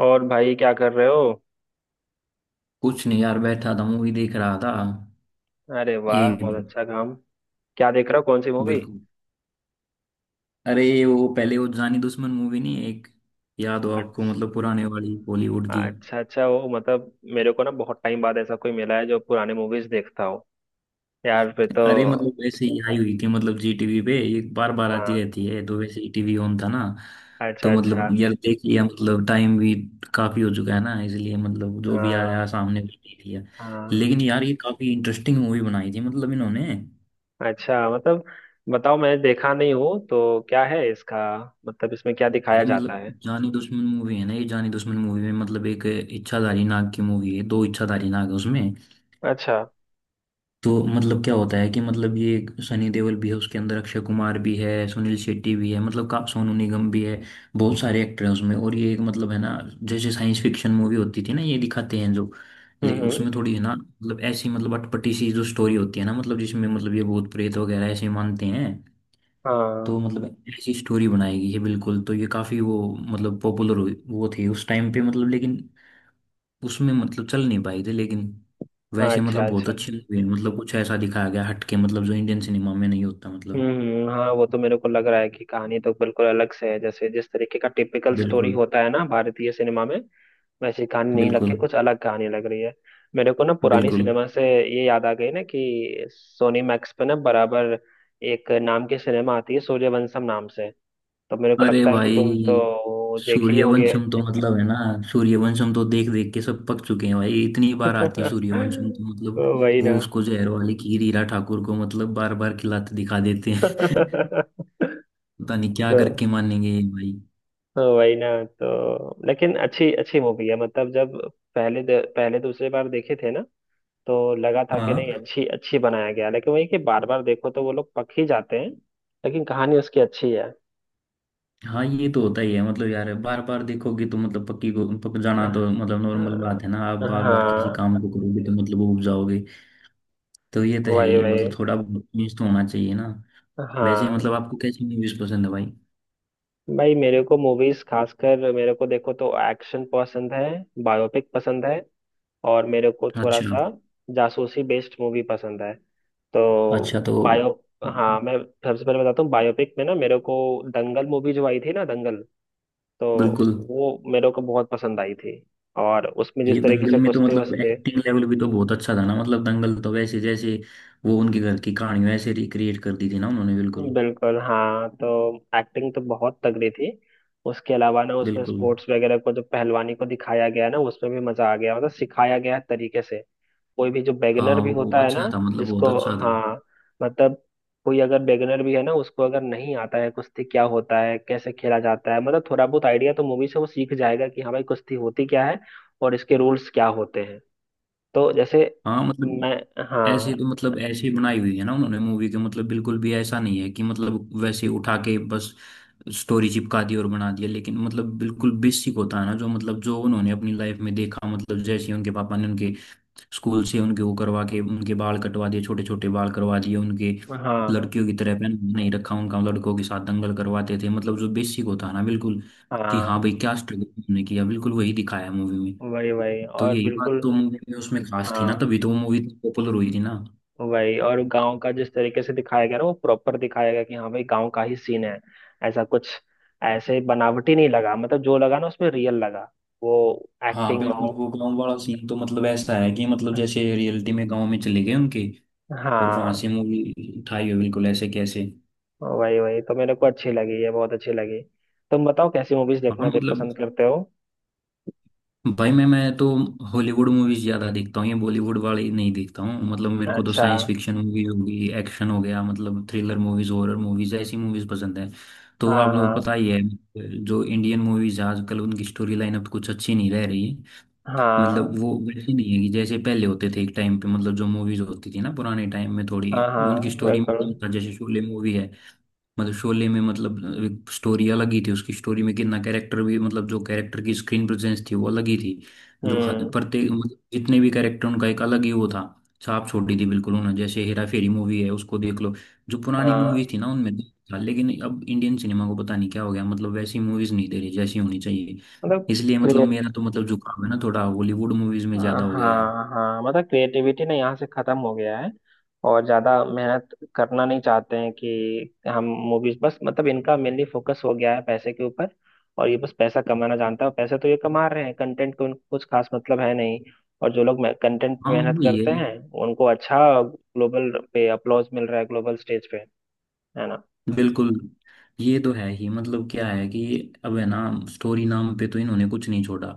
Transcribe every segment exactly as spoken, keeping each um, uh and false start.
और भाई क्या कर रहे हो। कुछ नहीं यार, बैठा था मूवी देख रहा था। अरे वाह, बहुत ये। अच्छा काम। क्या देख रहे हो, कौन सी मूवी। बिल्कुल। अरे ये वो पहले वो जानी दुश्मन मूवी नहीं एक याद हो आपको मतलब अच्छा। पुराने वाली बॉलीवुड की। अच्छा अच्छा, वो मतलब मेरे को ना बहुत टाइम बाद ऐसा कोई मिला है जो पुराने मूवीज देखता हो। यार फिर तो। अरे मतलब वैसे ही आई हुई थी, मतलब जी टीवी पे ये बार बार हाँ। आती रहती है, तो वैसे ही टीवी ऑन था ना। तो अच्छा मतलब अच्छा। यार देख लिया, मतलब टाइम भी काफी हो चुका है ना, इसलिए मतलब जो भी आया हाँ सामने भी देख लिया। लेकिन हाँ। यार ये काफी इंटरेस्टिंग मूवी बनाई थी मतलब इन्होंने। अच्छा, मतलब बताओ, मैं देखा नहीं हूँ तो क्या है इसका, मतलब इसमें क्या दिखाया अरे जाता मतलब है। जानी दुश्मन मूवी है ना, ये जानी दुश्मन मूवी में मतलब एक इच्छाधारी नाग की मूवी है, दो इच्छाधारी नाग है उसमें। अच्छा। तो मतलब क्या होता है कि मतलब ये सनी देओल भी है, उसके अंदर अक्षय कुमार भी है, सुनील शेट्टी भी है, मतलब का सोनू निगम भी है। बहुत सारे एक्टर हैं उसमें, और ये एक मतलब है ना जैसे साइंस फिक्शन मूवी होती थी ना ये दिखाते हैं जो। हम्म लेकिन हम्म, उसमें थोड़ी है ना मतलब ऐसी मतलब अटपटी सी जो स्टोरी होती है ना, मतलब जिसमें मतलब ये भूत प्रेत वगैरह ऐसे मानते हैं। तो हाँ। मतलब ऐसी स्टोरी बनाई गई है बिल्कुल, तो ये काफी वो मतलब पॉपुलर वो थी उस टाइम पे मतलब, लेकिन उसमें मतलब चल नहीं पाई थी, लेकिन वैसे अच्छा मतलब बहुत अच्छा। अच्छी लगी मतलब कुछ ऐसा दिखाया गया हटके मतलब जो इंडियन सिनेमा में नहीं होता हम्म मतलब। हम्म, हाँ वो तो मेरे को लग रहा है कि कहानी तो बिल्कुल अलग से है, जैसे जिस तरीके का टिपिकल स्टोरी बिल्कुल। होता है ना भारतीय सिनेमा में, वैसी कहानी नहीं लग के बिल्कुल। कुछ अलग कहानी लग रही है। मेरे को ना पुरानी बिल्कुल। सिनेमा से ये याद आ गई ना कि सोनी मैक्स पे ना बराबर एक नाम की सिनेमा आती है सूर्यवंशम नाम से, तो मेरे को अरे लगता है कि तुम भाई तो देखे ही होगे। सूर्यवंशम तो मतलब है ना, सूर्यवंशम तो देख देख के सब पक चुके हैं भाई, इतनी बार आती है सूर्यवंशम तो मतलब तो वही वो ना। उसको जहर वाली खीर हीरा ठाकुर को मतलब बार बार खिलाते दिखा देते तो हैं। पता नहीं क्या करके मानेंगे ये भाई। तो वही ना, तो लेकिन अच्छी अच्छी मूवी है मतलब, जब पहले द- पहले दूसरे बार देखे थे ना तो लगा था कि नहीं हाँ। अच्छी अच्छी बनाया गया, लेकिन वही कि बार बार देखो तो वो लोग पक ही जाते हैं। लेकिन कहानी उसकी अच्छी है। हाँ, ये तो होता ही है मतलब यार, बार बार देखोगे तो मतलब पक्की को पक जाना तो मतलब नॉर्मल बात है ना, आप बार बार किसी हाँ। काम को करोगे तो मतलब वो उब जाओगे। तो ये तो है वही ही वही। मतलब थोड़ा न्यूज़ तो होना चाहिए ना। वैसे हाँ। मतलब आपको कैसी न्यूज़ पसंद है भाई? भाई मेरे को मूवीज खासकर मेरे को देखो तो एक्शन पसंद है, बायोपिक पसंद है, और मेरे को थोड़ा अच्छा। सा जासूसी बेस्ड मूवी पसंद है। तो अच्छा। तो बायो, हाँ मैं सबसे पहले बताता हूँ बायोपिक में ना, मेरे को दंगल मूवी जो आई थी ना दंगल, तो बिल्कुल। वो मेरे को बहुत पसंद आई थी और उसमें जिस ये तरीके दंगल से में तो कुश्ते मतलब वस्ते। एक्टिंग लेवल भी तो बहुत अच्छा था ना, मतलब दंगल तो वैसे जैसे वो उनके घर की कहानी वैसे रिक्रिएट कर दी थी ना उन्होंने बिल्कुल। बिल्कुल हाँ, तो एक्टिंग तो बहुत तगड़ी थी। उसके अलावा ना उसमें बिल्कुल। स्पोर्ट्स वगैरह को जो पहलवानी को दिखाया गया ना उसमें भी मजा आ गया, मतलब सिखाया गया तरीके से। कोई भी जो बेगनर हाँ भी वो होता है अच्छा ना, था मतलब, बहुत जिसको, अच्छा था। हाँ मतलब, कोई अगर बेगनर भी है ना, उसको अगर नहीं आता है कुश्ती क्या होता है, कैसे खेला जाता है, मतलब थोड़ा बहुत आइडिया तो मूवी से वो सीख जाएगा कि हाँ भाई कुश्ती होती क्या है और इसके रूल्स क्या होते हैं। तो जैसे, हाँ मतलब मैं, ऐसे हाँ तो मतलब ऐसी बनाई हुई है ना उन्होंने मूवी के मतलब, बिल्कुल भी ऐसा नहीं है कि मतलब वैसे उठा के बस स्टोरी चिपका दी और बना दिया, लेकिन मतलब बिल्कुल बेसिक होता है ना, जो मतलब जो उन्होंने अपनी लाइफ में देखा, मतलब जैसे उनके पापा ने उनके स्कूल से उनके वो करवा के उनके बाल कटवा दिए, छोटे छोटे बाल करवा दिए उनके, हाँ लड़कियों की तरह पहन नहीं रखा उनका, लड़कों के साथ दंगल करवाते थे, मतलब जो बेसिक होता है ना, बिल्कुल कि हाँ हाँ। भाई क्या स्ट्रगल उन्होंने किया बिल्कुल वही दिखाया है मूवी में। वही वही तो और यही बात बिल्कुल। तो मूवी में उसमें खास थी ना, हाँ तभी तो वो मूवी पॉपुलर हुई थी ना। वही, और गांव का जिस तरीके से दिखाया गया ना वो प्रॉपर दिखाया गया कि हाँ भाई गांव का ही सीन है, ऐसा कुछ, ऐसे बनावटी नहीं लगा, मतलब जो लगा ना उसमें रियल लगा। वो हाँ एक्टिंग हो, बिल्कुल वो गांव वाला सीन तो मतलब ऐसा है कि मतलब जैसे रियलिटी में गांव में चले गए उनके और वहां हाँ से मूवी उठाई हो, बिल्कुल ऐसे कैसे। वही वही, तो मेरे को अच्छी लगी ये, बहुत अच्छी लगी। तुम बताओ कैसी मूवीज हाँ देखना दे मतलब पसंद करते हो। भाई मैं मैं तो हॉलीवुड मूवीज ज्यादा देखता हूँ, ये बॉलीवुड वाली नहीं देखता हूँ, मतलब मेरे को तो अच्छा। साइंस फिक्शन मूवीज होगी, एक्शन हो गया, मतलब थ्रिलर मूवीज, हॉरर मूवीज ऐसी मूवीज पसंद है। तो हाँ आप लोग पता हाँ। ही है, जो इंडियन मूवीज आजकल उनकी स्टोरी लाइन अब कुछ अच्छी नहीं रह रही। हाँ मतलब वो वैसे नहीं है कि जैसे पहले होते थे एक टाइम पे, मतलब जो मूवीज होती थी ना पुराने टाइम में, थोड़ी हाँ उनकी हाँ स्टोरी में बिल्कुल। नहीं था, जैसे शोले मूवी है, मतलब शोले में मतलब स्टोरी अलग ही थी उसकी, स्टोरी में कितना कैरेक्टर भी मतलब जो कैरेक्टर की स्क्रीन प्रेजेंस थी वो अलग ही थी। जो हर- हम्म। प्रत्येक मतलब जितने भी कैरेक्टर, उनका एक अलग ही वो था, छाप छोड़ दी थी बिल्कुल उन्होंने, जैसे हेरा फेरी मूवी है उसको देख लो, जो पुरानी मूवीज हाँ, थी ना उनमें तो था। लेकिन अब इंडियन सिनेमा को पता नहीं क्या हो गया, मतलब वैसी मूवीज नहीं दे रही जैसी होनी चाहिए, मतलब। इसलिए मतलब मेरा तो मतलब झुकाव है ना थोड़ा हॉलीवुड मूवीज में हाँ ज्यादा हो गया है। हाँ हाँ। मतलब क्रिएटिविटी ना यहाँ से खत्म हो गया है, और ज्यादा मेहनत करना नहीं चाहते हैं कि हम मूवीज, बस मतलब इनका मेनली फोकस हो गया है पैसे के ऊपर, और ये बस पैसा कमाना जानता है, और पैसे तो ये कमा रहे हैं, कंटेंट को उनको कुछ खास मतलब है नहीं। और जो लोग कंटेंट पे हाँ मेहनत ये करते हैं, उनको अच्छा ग्लोबल पे अपलॉज मिल रहा है, ग्लोबल स्टेज पे, है ना। बिल्कुल। ये तो है ही मतलब क्या है कि अब है ना स्टोरी नाम पे तो इन्होंने कुछ नहीं छोड़ा,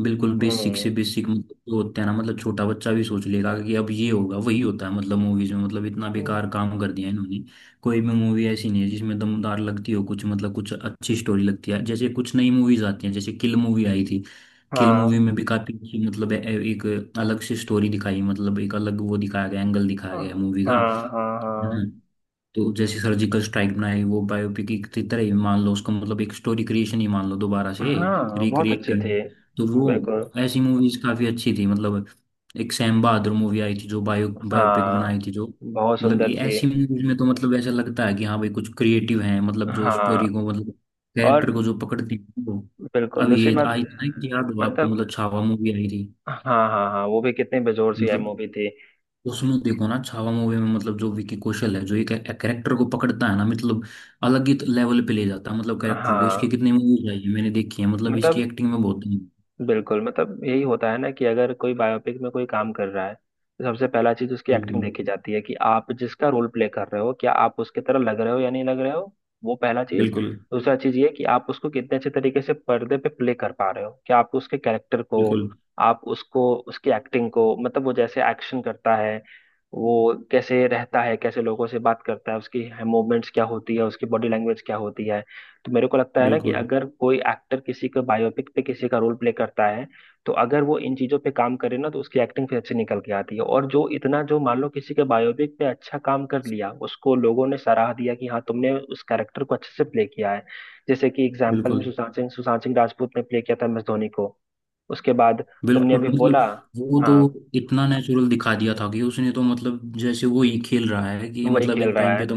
बिल्कुल बेसिक हम्म से बेसिक मतलब जो होते हैं ना, मतलब छोटा बच्चा भी सोच लेगा कि अब ये होगा वही होता है मतलब मूवीज में, मतलब इतना हम्म। बेकार काम कर दिया इन्होंने। कोई भी मूवी ऐसी नहीं है जिसमें दमदार लगती हो कुछ, मतलब कुछ अच्छी स्टोरी लगती है जैसे कुछ नई मूवीज आती हैं, जैसे किल मूवी आई थी। किल मूवी हाँ में भी काफी अच्छी मतलब ए- एक अलग से स्टोरी दिखाई, मतलब एक अलग वो दिखाया गया, एंगल दिखाया हाँ गया मूवी का। हाँ। हाँ हम्म। हाँ तो जैसे सर्जिकल स्ट्राइक बनाई, वो बायोपिक की तरह ही मान लो उसको, मतलब एक स्टोरी क्रिएशन ही मान लो दोबारा से हाँ, बहुत रिक्रिएट अच्छी करनी। थी। तो बिल्कुल। वो ऐसी मूवीज काफी अच्छी थी मतलब, एक सैम बहादुर मूवी आई थी जो बायो बायोपिक बनाई हाँ, थी जो, बहुत मतलब सुंदर ये थी। ऐसी मूवीज में तो मतलब ऐसा लगता है कि हाँ भाई कुछ क्रिएटिव है, मतलब जो स्टोरी हाँ। को मतलब और कैरेक्टर को जो पकड़ती है वो। बिल्कुल अब दूसरी ये बात। आई थी ना कि याद हो आपको, मतलब, मतलब छावा मूवी आई थी। हाँ। हाँ हाँ, वो भी कितनी बेजोर सी है मतलब मूवी थी। उसमें देखो ना, छावा मूवी में मतलब जो विकी कौशल है जो एक कैरेक्टर को पकड़ता है ना, मतलब अलग ही लेवल पे ले जाता है मतलब कैरेक्टर को। इसकी हाँ। कितनी मूवीज आई है मैंने देखी है, मतलब इसकी मतलब, एक्टिंग में बहुत है। बिल्कुल मतलब यही होता है ना कि अगर कोई बायोपिक में कोई काम कर रहा है, तो सबसे पहला चीज उसकी एक्टिंग बिल्कुल। देखी जाती है कि आप जिसका रोल प्ले कर रहे हो, क्या आप उसके तरह लग रहे हो या नहीं लग रहे हो। वो पहला चीज। बिल्कुल। दूसरा चीज ये कि आप उसको कितने अच्छे तरीके से पर्दे पे प्ले कर पा रहे हो, क्या आप उसके कैरेक्टर को, बिल्कुल। आप उसको उसकी एक्टिंग को, मतलब वो जैसे एक्शन करता है, वो कैसे रहता है, कैसे लोगों से बात करता है, उसकी मूवमेंट्स क्या होती है, उसकी बॉडी लैंग्वेज क्या होती है। तो मेरे को लगता है ना कि बिल्कुल। अगर कोई एक्टर किसी का बायोपिक पे किसी का रोल प्ले करता है, तो अगर वो इन चीजों पे काम करे ना तो उसकी एक्टिंग फिर अच्छी निकल के आती है, और जो इतना जो मान लो किसी के बायोपिक पे अच्छा काम कर लिया, उसको लोगों ने सराह दिया कि हाँ तुमने उस कैरेक्टर को अच्छे से प्ले किया है। जैसे कि एग्जाम्पल में बिल्कुल। सुशांत सिंह सुशांत सिंह राजपूत ने प्ले किया था एम एस धोनी को। उसके बाद तुमने बिल्कुल। अभी बोला, मतलब वो तो हाँ, इतना नेचुरल दिखा दिया था कि उसने तो मतलब जैसे वो ही खेल रहा है कि, वही मतलब खेल एक रहा टाइम है। पे तो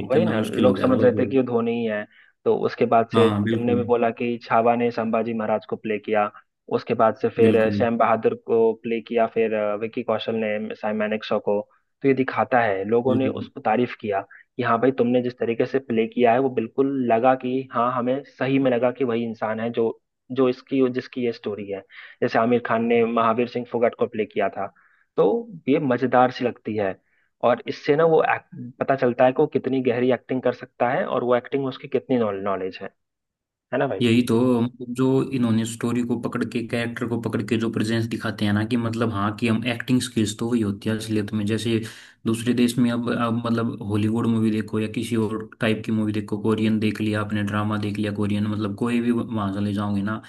एक वही करना ना, मुश्किल हो लोग गया था समझ रहे लोगों थे कि को। ये धोनी ही है। तो उसके बाद से हाँ तुमने बिल्कुल। भी बोला कि छावा ने संभाजी महाराज को प्ले किया। उसके बाद से फिर बिल्कुल। सैम बहादुर को प्ले किया, फिर अ, विकी कौशल ने साई मानेकशॉ को। तो ये दिखाता है लोगों ने बिल्कुल। उसको तारीफ किया कि हाँ भाई तुमने जिस तरीके से प्ले किया है वो बिल्कुल लगा कि हाँ, हमें सही में लगा कि वही इंसान है जो, जो इसकी जिसकी ये स्टोरी है। जैसे आमिर खान ने महावीर सिंह फोगाट को प्ले किया था, तो ये मजेदार सी लगती है। और इससे ना वो act- पता चलता है कि वो कितनी गहरी एक्टिंग कर सकता है, और वो एक्टिंग में उसकी कितनी नॉलेज है है ना भाई। यही तो मतलब जो इन्होंने स्टोरी को पकड़ के कैरेक्टर को पकड़ के जो प्रेजेंस दिखाते हैं ना, कि मतलब हाँ कि हम एक्टिंग स्किल्स तो वही होती है असलियत में, जैसे दूसरे देश में अब अब मतलब हॉलीवुड मूवी देखो या किसी और टाइप की मूवी देखो, कोरियन देख लिया आपने, ड्रामा देख लिया कोरियन, मतलब कोई भी वहां चले जाओगे ना,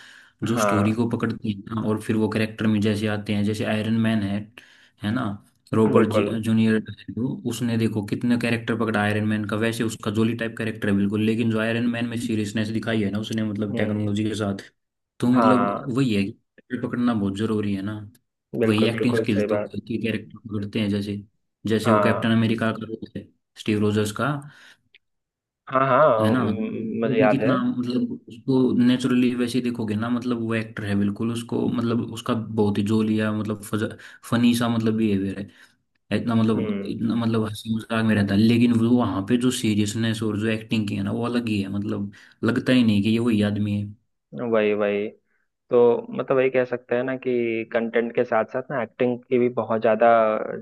जो स्टोरी हाँ को पकड़ती है ना और फिर वो कैरेक्टर में जैसे आते हैं, जैसे आयरन मैन है है ना, रॉबर्ट बिल्कुल। जूनियर। उसने देखो कितने कैरेक्टर पकड़ा आयरन मैन का, वैसे उसका जोली टाइप कैरेक्टर है बिल्कुल, लेकिन जो आयरन मैन में सीरियसनेस दिखाई है ना उसने मतलब हम्म। टेक्नोलॉजी के साथ। तो मतलब हाँ वही है कि character पकड़ना बहुत जरूरी है ना। वही बिल्कुल, एक्टिंग बिल्कुल स्किल सही तो बात। की कैरेक्टर पकड़ते हैं, जैसे जैसे वो कैप्टन हाँ अमेरिका का रोल है स्टीव रोजर्स का, हाँ। हाँ है ना। तो हम्म, वो मुझे भी याद है। कितना मतलब उसको नेचुरली वैसे देखोगे ना, मतलब वो एक्टर है बिल्कुल उसको, मतलब उसका बहुत ही जोलिया मतलब फनी सा मतलब बिहेवियर है, इतना मतलब हम्म। इतना मतलब हंसी मजाक में रहता है, लेकिन वो वहां पे जो सीरियसनेस और जो एक्टिंग की है ना वो अलग ही है मतलब, लगता ही नहीं कि ये वही आदमी है। वही वही, तो मतलब वही कह सकते हैं ना कि कंटेंट के साथ साथ ना एक्टिंग की भी बहुत ज्यादा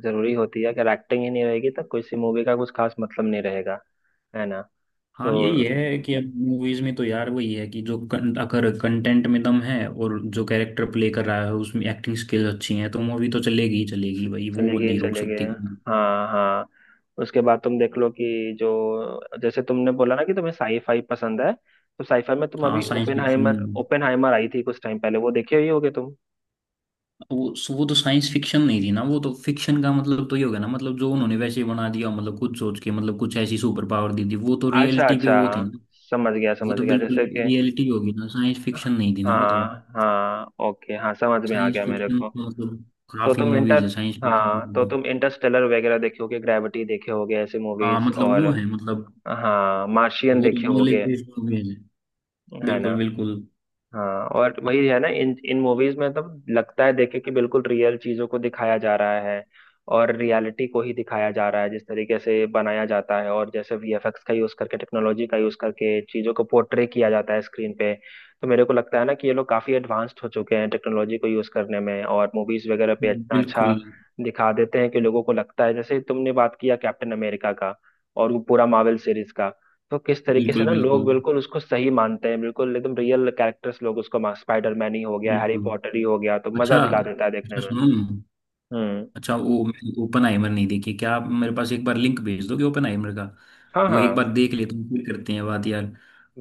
जरूरी होती है, अगर एक्टिंग ही नहीं रहेगी तो किसी मूवी का कुछ खास मतलब नहीं रहेगा, है ना। हाँ तो यही है कि अब मूवीज में तो यार वही है कि जो कं, अगर कंटेंट में दम है और जो कैरेक्टर प्ले कर रहा है उसमें एक्टिंग स्किल्स अच्छी हैं, तो मूवी तो चलेगी ही चलेगी भाई, वो चले वो गए नहीं रोक चले गए। सकते। हाँ हाँ। उसके बाद तुम देख लो कि जो जैसे तुमने बोला ना कि तुम्हें साईफाई पसंद है, तो साईफाई में तुम हाँ अभी साइंस फिक्शन, ओपेनहाइमर, ओपेनहाइमर आई थी कुछ टाइम पहले, वो देखे ही होगे तुम। वो वो तो साइंस फिक्शन नहीं थी ना, वो तो फिक्शन का मतलब तो ये हो गया ना, मतलब जो उन्होंने वैसे ही बना दिया, मतलब कुछ सोच के, मतलब कुछ ऐसी सुपर पावर दी थी, वो तो अच्छा रियलिटी पे अच्छा, वो थी। समझ गया वो समझ तो गया, बिल्कुल जैसे कि। रियलिटी होगी ना, साइंस फिक्शन नहीं थी ना वो तो। हाँ हाँ ओके, हाँ समझ में आ साइंस गया मेरे फिक्शन को। तो मतलब तो काफी तुम इंटर मूवीज है साइंस फिक्शन में हाँ तो तो मतलब। तुम इंटरस्टेलर वगैरह देखे होगे, ग्रेविटी देखे होगे, ऐसे हाँ मूवीज। मतलब और वो है मतलब हाँ मार्शियन वो तो देखे नॉलेज होगे, बेस्ड मूवीज है, है ना। बिल्कुल। बिल्कुल। हाँ और वही है ना, इन इन मूवीज में तब लगता है देखे कि बिल्कुल रियल चीजों को दिखाया जा रहा है, और रियलिटी को ही दिखाया जा रहा है जिस तरीके से बनाया जाता है, और जैसे वीएफएक्स का यूज करके, टेक्नोलॉजी का यूज करके चीजों को पोर्ट्रे किया जाता है स्क्रीन पे। तो मेरे को लगता है ना कि ये लोग काफी एडवांस्ड हो चुके हैं टेक्नोलॉजी को यूज करने में, और मूवीज वगैरह पे इतना अच्छा बिल्कुल। दिखा देते हैं कि लोगों को लगता है, जैसे तुमने बात किया कैप्टन अमेरिका का, और वो पूरा मार्वल सीरीज का, तो किस तरीके से बिल्कुल। ना लोग बिल्कुल। बिल्कुल उसको सही मानते हैं, बिल्कुल एकदम रियल कैरेक्टर्स लोग उसको मा- स्पाइडरमैन ही हो गया, हैरी बिल्कुल। पॉटर ही हो गया, तो अच्छा। मजा दिला देता है देखने अच्छा में। सुनो ना। हम्म। अच्छा वो मैंने ओपन आइमर नहीं देखी, क्या आप मेरे पास एक बार लिंक भेज दोगे ओपन आइमर का? हाँ वो एक हाँ। बार देख लेते हैं फिर करते हैं बात यार।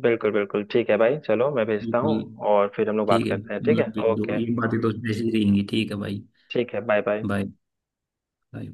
बिल्कुल बिल्कुल ठीक है भाई, चलो मैं भेजता हूँ, बिल्कुल और फिर हम लोग बात ठीक है करते हैं, ठीक है, मतलब भेज दो, ओके। ये बातें तो ऐसी ही रहेंगी, ठीक है भाई। ठीक है, बाय बाय। बाय। बाय।